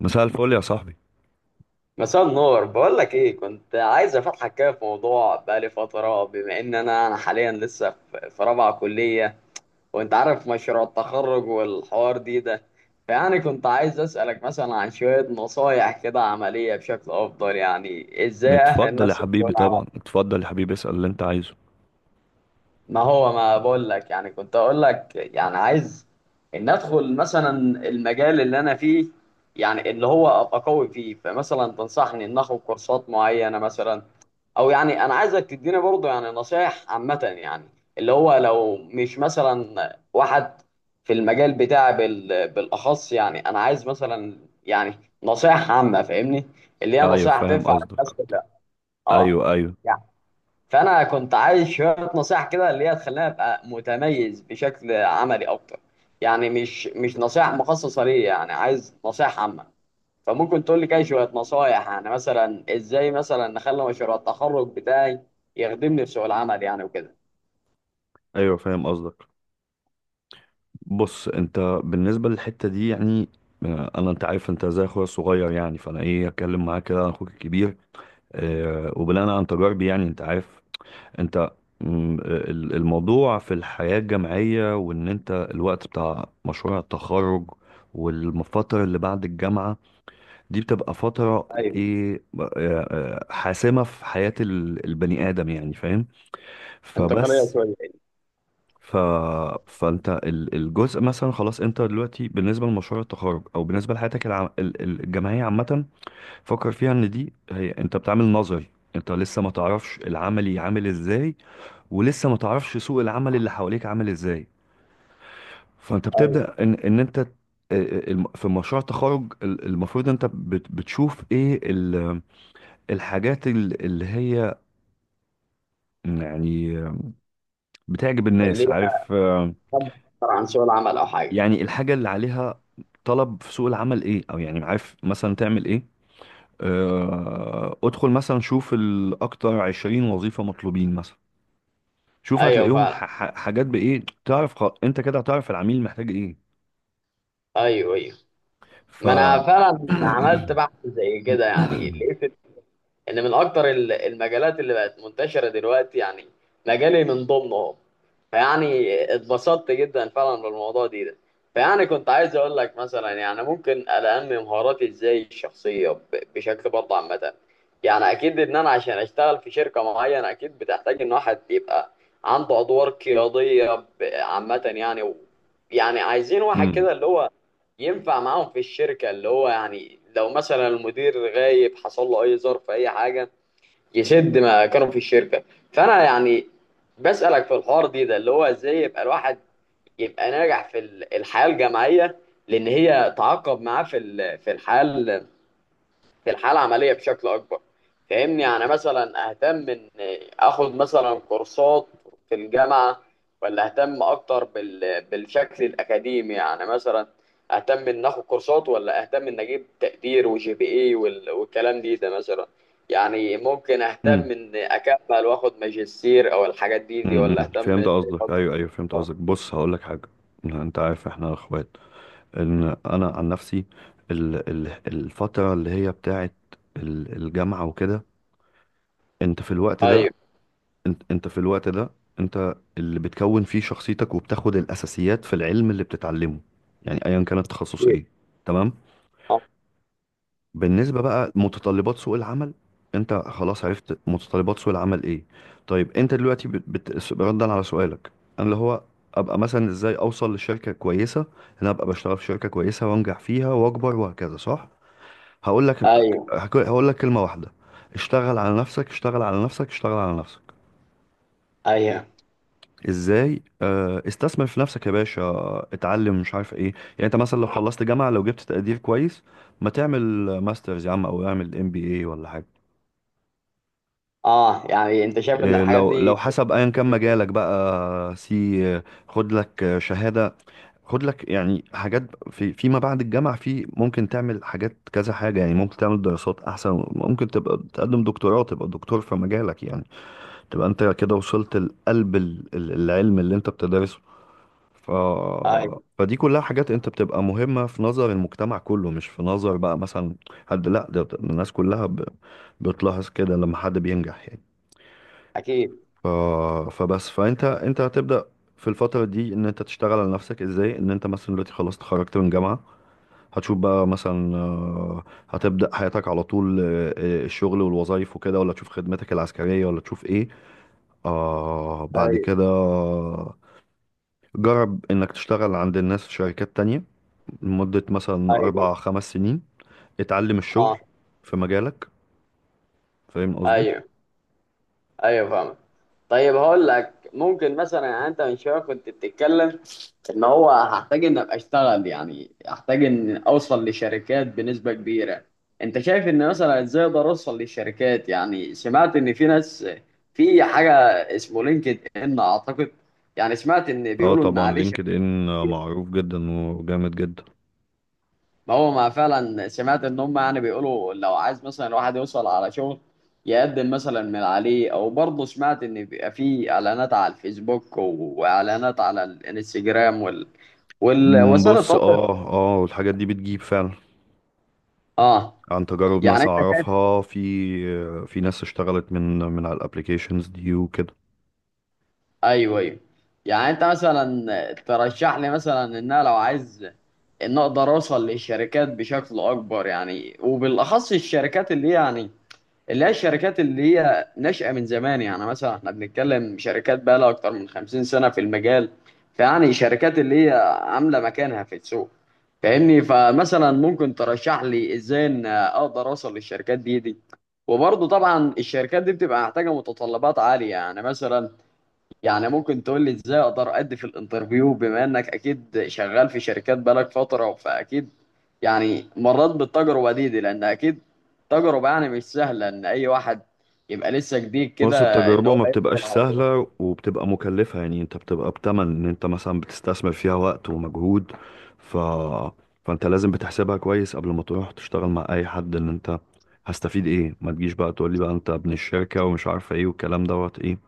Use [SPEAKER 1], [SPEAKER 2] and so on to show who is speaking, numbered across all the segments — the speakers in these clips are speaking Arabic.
[SPEAKER 1] مساء الفل يا صاحبي.
[SPEAKER 2] مساء النور، بقول لك ايه، كنت عايز افتحك كده في موضوع بقالي فتره، بما ان انا حاليا لسه في رابعه كليه، وانت عارف مشروع التخرج والحوار ده. فيعني كنت عايز اسالك مثلا عن شويه نصايح كده عمليه بشكل افضل، يعني ازاي اهل
[SPEAKER 1] اتفضل يا
[SPEAKER 2] نفسي في سوق
[SPEAKER 1] حبيبي،
[SPEAKER 2] العمل.
[SPEAKER 1] طبعا اتفضل يا حبيبي، اسأل اللي انت عايزه.
[SPEAKER 2] ما هو ما بقول لك، يعني كنت اقول لك يعني عايز ان ادخل مثلا المجال اللي انا فيه، يعني اللي هو ابقى قوي فيه. فمثلا تنصحني ان اخد كورسات معينه مثلا؟ او يعني انا عايزك تديني برضه يعني نصايح عامه، يعني اللي هو لو مش مثلا واحد في المجال بتاعي بالاخص، يعني انا عايز مثلا يعني نصايح عامه، فاهمني؟ اللي هي
[SPEAKER 1] ايوه
[SPEAKER 2] نصايح
[SPEAKER 1] فاهم
[SPEAKER 2] تنفع للناس
[SPEAKER 1] قصدك.
[SPEAKER 2] كلها. اه
[SPEAKER 1] ايوه ايوه.
[SPEAKER 2] يعني. فانا كنت عايز شويه نصايح كده اللي هي تخليني ابقى متميز بشكل عملي اكتر، يعني مش نصايح مخصصه ليا، يعني عايز نصايح عامه. فممكن تقول لي كده شوية نصايح، يعني مثلا ازاي مثلا نخلي مشروع التخرج بتاعي يخدمني في سوق العمل، يعني وكده.
[SPEAKER 1] ايوه فاهم قصدك. بص انت بالنسبة للحتة دي يعني انا انت عارف انت زي اخويا الصغير يعني، فانا ايه اتكلم معاك كده عن اخوك الكبير. اه وبناء عن تجاربي يعني انت عارف انت، الموضوع في الحياة الجامعية، وان انت الوقت بتاع مشروع التخرج والفترة اللي بعد الجامعة دي بتبقى فترة
[SPEAKER 2] ايوه،
[SPEAKER 1] ايه، حاسمة في حياة البني آدم يعني فاهم.
[SPEAKER 2] انتقالية
[SPEAKER 1] فبس
[SPEAKER 2] شوية.
[SPEAKER 1] ف... فانت الجزء مثلا خلاص انت دلوقتي بالنسبة لمشروع التخرج، او بالنسبة لحياتك الجامعية عامة، فكر فيها ان دي هي انت بتعمل نظري، انت لسه ما تعرفش العملي عامل ازاي، ولسه ما تعرفش سوق العمل اللي حواليك عامل ازاي. فانت
[SPEAKER 2] ايوه،
[SPEAKER 1] بتبدأ ان ان انت آه، آه، الم- في مشروع التخرج المفروض انت بتشوف ايه الحاجات اللي هي يعني بتعجب
[SPEAKER 2] اللي
[SPEAKER 1] الناس
[SPEAKER 2] هي
[SPEAKER 1] عارف
[SPEAKER 2] أخدها أكتر عن سوق العمل او حاجة.
[SPEAKER 1] يعني الحاجة اللي عليها طلب في سوق العمل ايه، او يعني عارف مثلا تعمل ايه. ادخل مثلا شوف الاكتر 20 وظيفة مطلوبين مثلا، شوف
[SPEAKER 2] ايوه
[SPEAKER 1] هتلاقيهم
[SPEAKER 2] فعلا.
[SPEAKER 1] حاجات بايه تعرف انت كده هتعرف العميل محتاج ايه.
[SPEAKER 2] ايوه ايوه.
[SPEAKER 1] ف
[SPEAKER 2] ما انا فعلا عملت بحث زي كده، يعني لقيت ان من اكتر المجالات اللي بقت منتشره دلوقتي يعني مجالي من ضمنهم، فيعني اتبسطت جدا فعلا بالموضوع ده. فيعني كنت عايز اقول لك مثلا، يعني ممكن انمي مهاراتي ازاي الشخصيه بشكل برضه عامه. يعني اكيد ان انا عشان اشتغل في شركه معينه اكيد بتحتاج ان واحد يبقى عنده ادوار قياديه عامه يعني، و يعني عايزين واحد
[SPEAKER 1] مم.
[SPEAKER 2] كده اللي هو ينفع معاهم في الشركة، اللي هو يعني لو مثلا المدير غايب حصل له أي ظرف أي حاجة يسد ما كانوا في الشركة. فأنا يعني بسألك في الحوار ده اللي هو إزاي يبقى الواحد يبقى ناجح الحياة الجامعية، لأن هي تعاقب معاه في الحياة، في الحاله العمليه بشكل اكبر. فاهمني؟ يعني مثلا اهتم ان اخد مثلا كورسات في الجامعه، ولا اهتم اكتر بالشكل الاكاديمي، يعني مثلا اهتم ان اخد كورسات ولا اهتم ان اجيب تقدير وجي بي اي والكلام ده مثلا. يعني ممكن
[SPEAKER 1] مم.
[SPEAKER 2] اهتم ان اكمل واخد ماجستير او الحاجات دي
[SPEAKER 1] مم.
[SPEAKER 2] ولا اهتم.
[SPEAKER 1] فهمت قصدك، ايوه ايوه فهمت قصدك. بص هقول لك حاجة، انت عارف احنا اخوات. ان انا عن نفسي، الفتره اللي هي بتاعت الجامعه وكده، انت في الوقت ده،
[SPEAKER 2] ايوه.
[SPEAKER 1] انت في الوقت ده انت اللي بتكون فيه شخصيتك، وبتاخد الاساسيات في العلم اللي بتتعلمه، يعني ايا كان التخصص ايه، تمام. بالنسبه بقى متطلبات سوق العمل، انت خلاص عرفت متطلبات سوق العمل ايه. طيب انت دلوقتي ردا على سؤالك، انا اللي هو ابقى مثلا ازاي اوصل لشركه كويسه، إن انا ابقى بشتغل في شركه كويسه وانجح فيها واكبر وهكذا، صح؟ هقول لك
[SPEAKER 2] ايوه
[SPEAKER 1] هقول لك كلمة واحدة، اشتغل على نفسك، اشتغل على نفسك، اشتغل على نفسك.
[SPEAKER 2] ايوه.
[SPEAKER 1] ازاي؟ استثمر في نفسك يا باشا، اتعلم، مش عارف ايه، يعني انت مثلا لو خلصت جامعة، لو جبت تقدير كويس، ما تعمل ماسترز يا عم، او اعمل ام بي اي ولا حاجة.
[SPEAKER 2] اه يعني انت شايف ان
[SPEAKER 1] آه،
[SPEAKER 2] الحاجات
[SPEAKER 1] لو لو
[SPEAKER 2] دي
[SPEAKER 1] حسب ايا كان
[SPEAKER 2] جدا.
[SPEAKER 1] مجالك بقى، سي خد لك شهادة، خد لك يعني حاجات، في فيما بعد الجامعة، في ممكن تعمل حاجات كذا حاجة، يعني ممكن تعمل دراسات احسن، ممكن تبقى تقدم دكتوراه، تبقى دكتور في مجالك يعني، تبقى انت كده وصلت لقلب العلم اللي انت بتدرسه. ف...
[SPEAKER 2] طيب.
[SPEAKER 1] فدي كلها حاجات انت بتبقى مهمة في نظر المجتمع كله، مش في نظر بقى مثلا حد، لا ده ده الناس كلها بتلاحظ كده لما حد بينجح يعني.
[SPEAKER 2] اكيد.
[SPEAKER 1] ف... فبس فانت انت هتبدأ في الفترة دي ان انت تشتغل على نفسك، ازاي؟ ان انت مثلا دلوقتي خلاص اتخرجت من جامعة، هتشوف بقى مثلا هتبدأ حياتك على طول، الشغل والوظائف وكده، ولا تشوف خدمتك العسكرية، ولا تشوف ايه آه بعد
[SPEAKER 2] ايوه
[SPEAKER 1] كده. جرب إنك تشتغل عند الناس في شركات تانية لمدة مثلا
[SPEAKER 2] ايوه.
[SPEAKER 1] أربع خمس سنين، اتعلم الشغل
[SPEAKER 2] اه.
[SPEAKER 1] في مجالك. فاهم قصدي؟
[SPEAKER 2] ايوه ايوه فاهم. طيب هقول لك ممكن مثلا، يعني انت من شويه كنت بتتكلم ان هو هحتاج ان ابقى اشتغل، يعني هحتاج ان اوصل لشركات بنسبه كبيره. انت شايف ان مثلا ازاي اقدر اوصل للشركات؟ يعني سمعت ان في ناس، في حاجه اسمه لينكد ان اعتقد، يعني سمعت ان
[SPEAKER 1] اه
[SPEAKER 2] بيقولوا ان
[SPEAKER 1] طبعا
[SPEAKER 2] عليه شركات.
[SPEAKER 1] لينكد إن معروف جدا وجامد جدا.
[SPEAKER 2] ما هو ما فعلا سمعت ان هم يعني بيقولوا لو عايز مثلا الواحد يوصل على شغل يقدم مثلا من عليه. او برضه سمعت ان بيبقى في اعلانات على الفيسبوك واعلانات على الانستجرام والوسائل
[SPEAKER 1] بص
[SPEAKER 2] التواصل.
[SPEAKER 1] اه اه الحاجات دي بتجيب فعلا،
[SPEAKER 2] اه.
[SPEAKER 1] عن تجارب
[SPEAKER 2] يعني
[SPEAKER 1] ناس
[SPEAKER 2] انت شايف.
[SPEAKER 1] أعرفها، في ناس اشتغلت من على الابليكيشنز دي وكده.
[SPEAKER 2] ايوه ايوه. يعني انت مثلا ترشح لي مثلا ان انا لو عايز ان اقدر اوصل للشركات بشكل اكبر، يعني وبالاخص الشركات اللي هي يعني اللي هي الشركات اللي هي ناشئه من زمان، يعني مثلا احنا بنتكلم شركات بقى لها اكتر من 50 سنه في المجال، فيعني شركات اللي هي عامله مكانها في السوق، فاهمني؟ فمثلا ممكن ترشح لي ازاي ان اقدر اوصل للشركات دي؟ وبرضه طبعا الشركات دي بتبقى محتاجه متطلبات عاليه، يعني مثلا يعني ممكن تقول لي ازاي اقدر ادي في الانترفيو، بما انك اكيد شغال في شركات بقالك فترة فاكيد يعني مريت بالتجربة دي. لان اكيد تجربة يعني مش سهلة ان اي واحد يبقى لسه جديد كده
[SPEAKER 1] بص
[SPEAKER 2] ان
[SPEAKER 1] التجربة
[SPEAKER 2] هو
[SPEAKER 1] ما
[SPEAKER 2] يدخل
[SPEAKER 1] بتبقاش
[SPEAKER 2] على طول.
[SPEAKER 1] سهلة، وبتبقى مكلفة، يعني انت بتبقى بتمن ان انت مثلا بتستثمر فيها وقت ومجهود. ف... فانت لازم بتحسبها كويس قبل ما تروح تشتغل مع اي حد، ان انت هستفيد ايه. ما تجيش بقى تقول لي بقى انت ابن الشركة ومش عارفة ايه والكلام دوت ايه،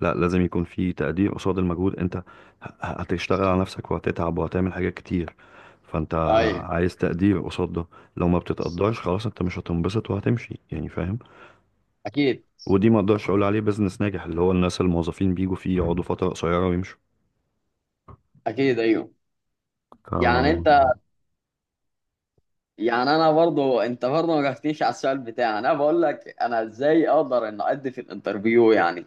[SPEAKER 1] لا لازم يكون في تقدير قصاد المجهود. انت هتشتغل على نفسك، وهتتعب، وهتعمل حاجات كتير. فانت
[SPEAKER 2] ايوه.
[SPEAKER 1] عايز تقدير قصاد ده، لو ما بتتقدرش خلاص انت مش هتنبسط وهتمشي، يعني فاهم.
[SPEAKER 2] اكيد.
[SPEAKER 1] ودي ما اقدرش اقول عليه بيزنس ناجح، اللي هو الناس الموظفين بيجوا فيه يقعدوا فترة قصيرة ويمشوا.
[SPEAKER 2] اكيد. ايوه.
[SPEAKER 1] ف-
[SPEAKER 2] يعني انت، يعني انا برضو، انت برضو ما جاوبتنيش على السؤال بتاعي. انا بقول لك انا ازاي اقدر ان ادي في الانترفيو، يعني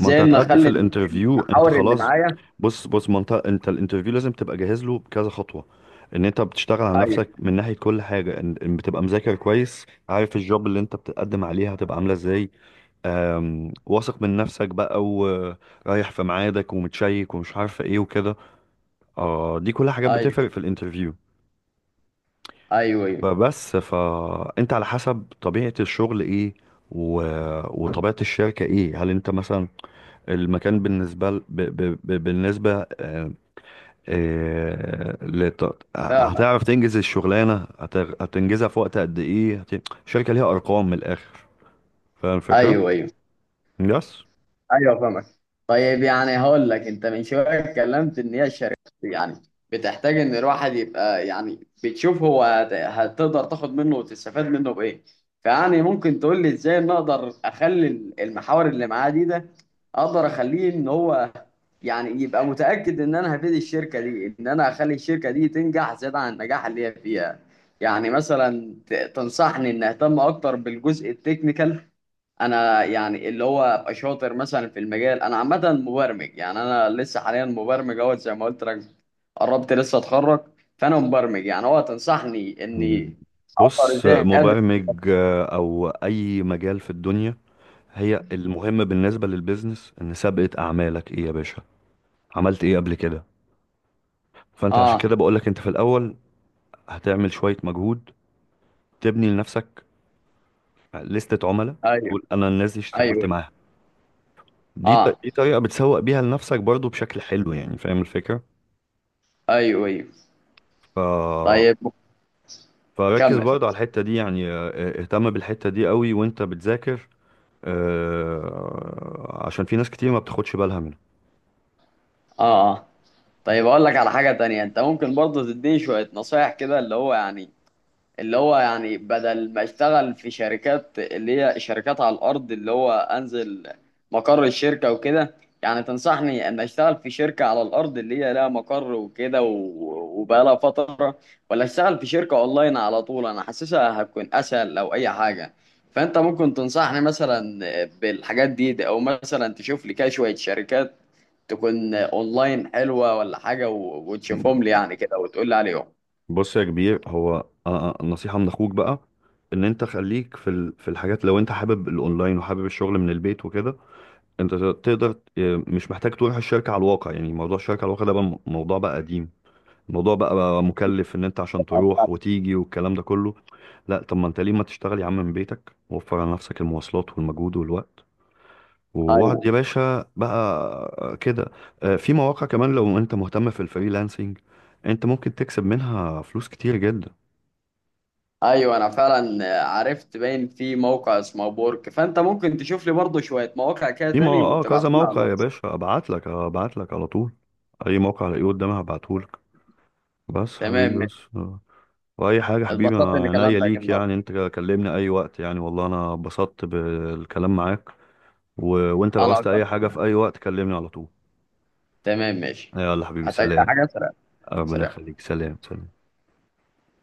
[SPEAKER 1] ما انت
[SPEAKER 2] ان
[SPEAKER 1] هتأدي في
[SPEAKER 2] اخلي
[SPEAKER 1] الانترفيو انت
[SPEAKER 2] المحاور اللي
[SPEAKER 1] خلاص.
[SPEAKER 2] معايا.
[SPEAKER 1] بص ما انت انت الانترفيو لازم تبقى جاهز له بكذا خطوة، ان انت بتشتغل على
[SPEAKER 2] ايوه
[SPEAKER 1] نفسك من ناحية كل حاجة، ان بتبقى مذاكر كويس، عارف الجوب اللي انت بتقدم عليها هتبقى عاملة ازاي. واثق من نفسك بقى، ورايح في ميعادك ومتشيك ومش عارفة ايه وكده. اه دي كل حاجات
[SPEAKER 2] ايوه.
[SPEAKER 1] بتفرق في الانترفيو.
[SPEAKER 2] ايوه. ايوه
[SPEAKER 1] فانت على حسب طبيعة الشغل ايه و... وطبيعة الشركة ايه، هل انت مثلا المكان بالنسبة ل... ب... ب... ب... بالنسبة آه، لت...
[SPEAKER 2] فاهم.
[SPEAKER 1] هتعرف تنجز الشغلانة، هتنجزها في وقت قد ايه، الشركة ليها ارقام من الاخر. فاهم الفكرة؟
[SPEAKER 2] ايوه ايوه.
[SPEAKER 1] يس.
[SPEAKER 2] ايوه فاهمك. طيب يعني هقول لك، انت من شويه اتكلمت ان هي الشركات يعني بتحتاج ان الواحد يبقى يعني بتشوف هو هتقدر تاخد منه وتستفاد منه بايه. فيعني ممكن تقول لي ازاي ان اقدر اخلي المحاور اللي معاه ده اقدر اخليه ان هو يعني يبقى متاكد ان انا هفيد الشركه دي، ان انا اخلي الشركه دي تنجح زياده عن النجاح اللي هي فيها. يعني مثلا تنصحني ان اهتم اكتر بالجزء التكنيكال؟ انا يعني اللي هو ابقى شاطر مثلا في المجال، انا عامه مبرمج يعني، انا لسه حاليا مبرمج اهوت زي ما قلت لك، قربت لسه اتخرج، فانا مبرمج يعني. هو تنصحني اني اقدر
[SPEAKER 1] بص
[SPEAKER 2] ازاي أقدم؟
[SPEAKER 1] مبرمج او اي مجال في الدنيا، هي المهم بالنسبة للبيزنس ان سابقة اعمالك ايه يا باشا، عملت ايه قبل كده. فانت عشان
[SPEAKER 2] اه.
[SPEAKER 1] كده بقولك انت في الاول هتعمل شوية مجهود، تبني لنفسك لستة عملاء،
[SPEAKER 2] ايوه
[SPEAKER 1] تقول انا الناس دي اشتغلت
[SPEAKER 2] ايوه.
[SPEAKER 1] معاها.
[SPEAKER 2] اه.
[SPEAKER 1] دي طريقة بتسوق بيها لنفسك برضو بشكل حلو، يعني فاهم الفكرة.
[SPEAKER 2] ايوه ايوه.
[SPEAKER 1] ف...
[SPEAKER 2] طيب.
[SPEAKER 1] فركز
[SPEAKER 2] كمل.
[SPEAKER 1] برضو على الحتة دي يعني، اهتم بالحتة دي قوي وانت بتذاكر، اه، عشان في ناس كتير ما بتاخدش بالها منها.
[SPEAKER 2] اه. اه. طيب اقول لك على حاجه تانية. انت ممكن برضه تديني شويه نصايح كده، اللي هو يعني اللي هو يعني بدل ما اشتغل في شركات اللي هي شركات على الارض، اللي هو انزل مقر الشركه وكده، يعني تنصحني ان اشتغل في شركه على الارض اللي هي لها مقر وكده وبقالها فتره، ولا اشتغل في شركه اونلاين على طول؟ انا حاسسها هتكون اسهل او اي حاجه. فانت ممكن تنصحني مثلا بالحاجات دي، او مثلا تشوف لي كده شويه شركات تكون اونلاين حلوه ولا حاجه وتشوفهم لي يعني كده وتقول لي عليهم.
[SPEAKER 1] بص يا كبير، هو اه، نصيحة من اخوك بقى، ان انت خليك في في الحاجات، لو انت حابب الاونلاين وحابب الشغل من البيت وكده، انت تقدر، اه، مش محتاج تروح الشركة على الواقع. يعني موضوع الشركة على الواقع ده بقى موضوع بقى قديم، الموضوع بقى مكلف ان انت عشان تروح وتيجي والكلام ده كله. لا طب ما انت ليه ما تشتغل يا عم من بيتك، وفر على نفسك المواصلات والمجهود والوقت، وقعد يا
[SPEAKER 2] ايوه
[SPEAKER 1] باشا بقى كده. اه، في مواقع كمان لو انت مهتم في الفريلانسنج، انت ممكن تكسب منها فلوس كتير جدا.
[SPEAKER 2] ايوه. انا فعلا عرفت باين في موقع اسمه بورك، فانت ممكن تشوف لي برضه شويه مواقع كده تاني
[SPEAKER 1] اه كذا
[SPEAKER 2] وتبعتهم لي على
[SPEAKER 1] موقع يا
[SPEAKER 2] الواتس.
[SPEAKER 1] باشا، ابعت لك على طول، اي موقع الاقيه قدامي هبعته لك. بس
[SPEAKER 2] تمام
[SPEAKER 1] حبيبي بس
[SPEAKER 2] ماشي.
[SPEAKER 1] آه. واي حاجه حبيبي،
[SPEAKER 2] اتبسطت
[SPEAKER 1] أنا
[SPEAKER 2] اني
[SPEAKER 1] عينيا
[SPEAKER 2] كلمتك
[SPEAKER 1] ليك
[SPEAKER 2] النهارده.
[SPEAKER 1] يعني، انت كلمني اي وقت يعني، والله انا اتبسطت بالكلام معاك. و... وانت لو
[SPEAKER 2] انا
[SPEAKER 1] عوزت
[SPEAKER 2] اكتر.
[SPEAKER 1] اي حاجه في اي وقت كلمني على طول.
[SPEAKER 2] تمام ماشي.
[SPEAKER 1] يلا حبيبي
[SPEAKER 2] محتاج
[SPEAKER 1] سلام.
[SPEAKER 2] حاجه سريع.
[SPEAKER 1] ربنا
[SPEAKER 2] سريع.
[SPEAKER 1] يخليك، سلام سلام.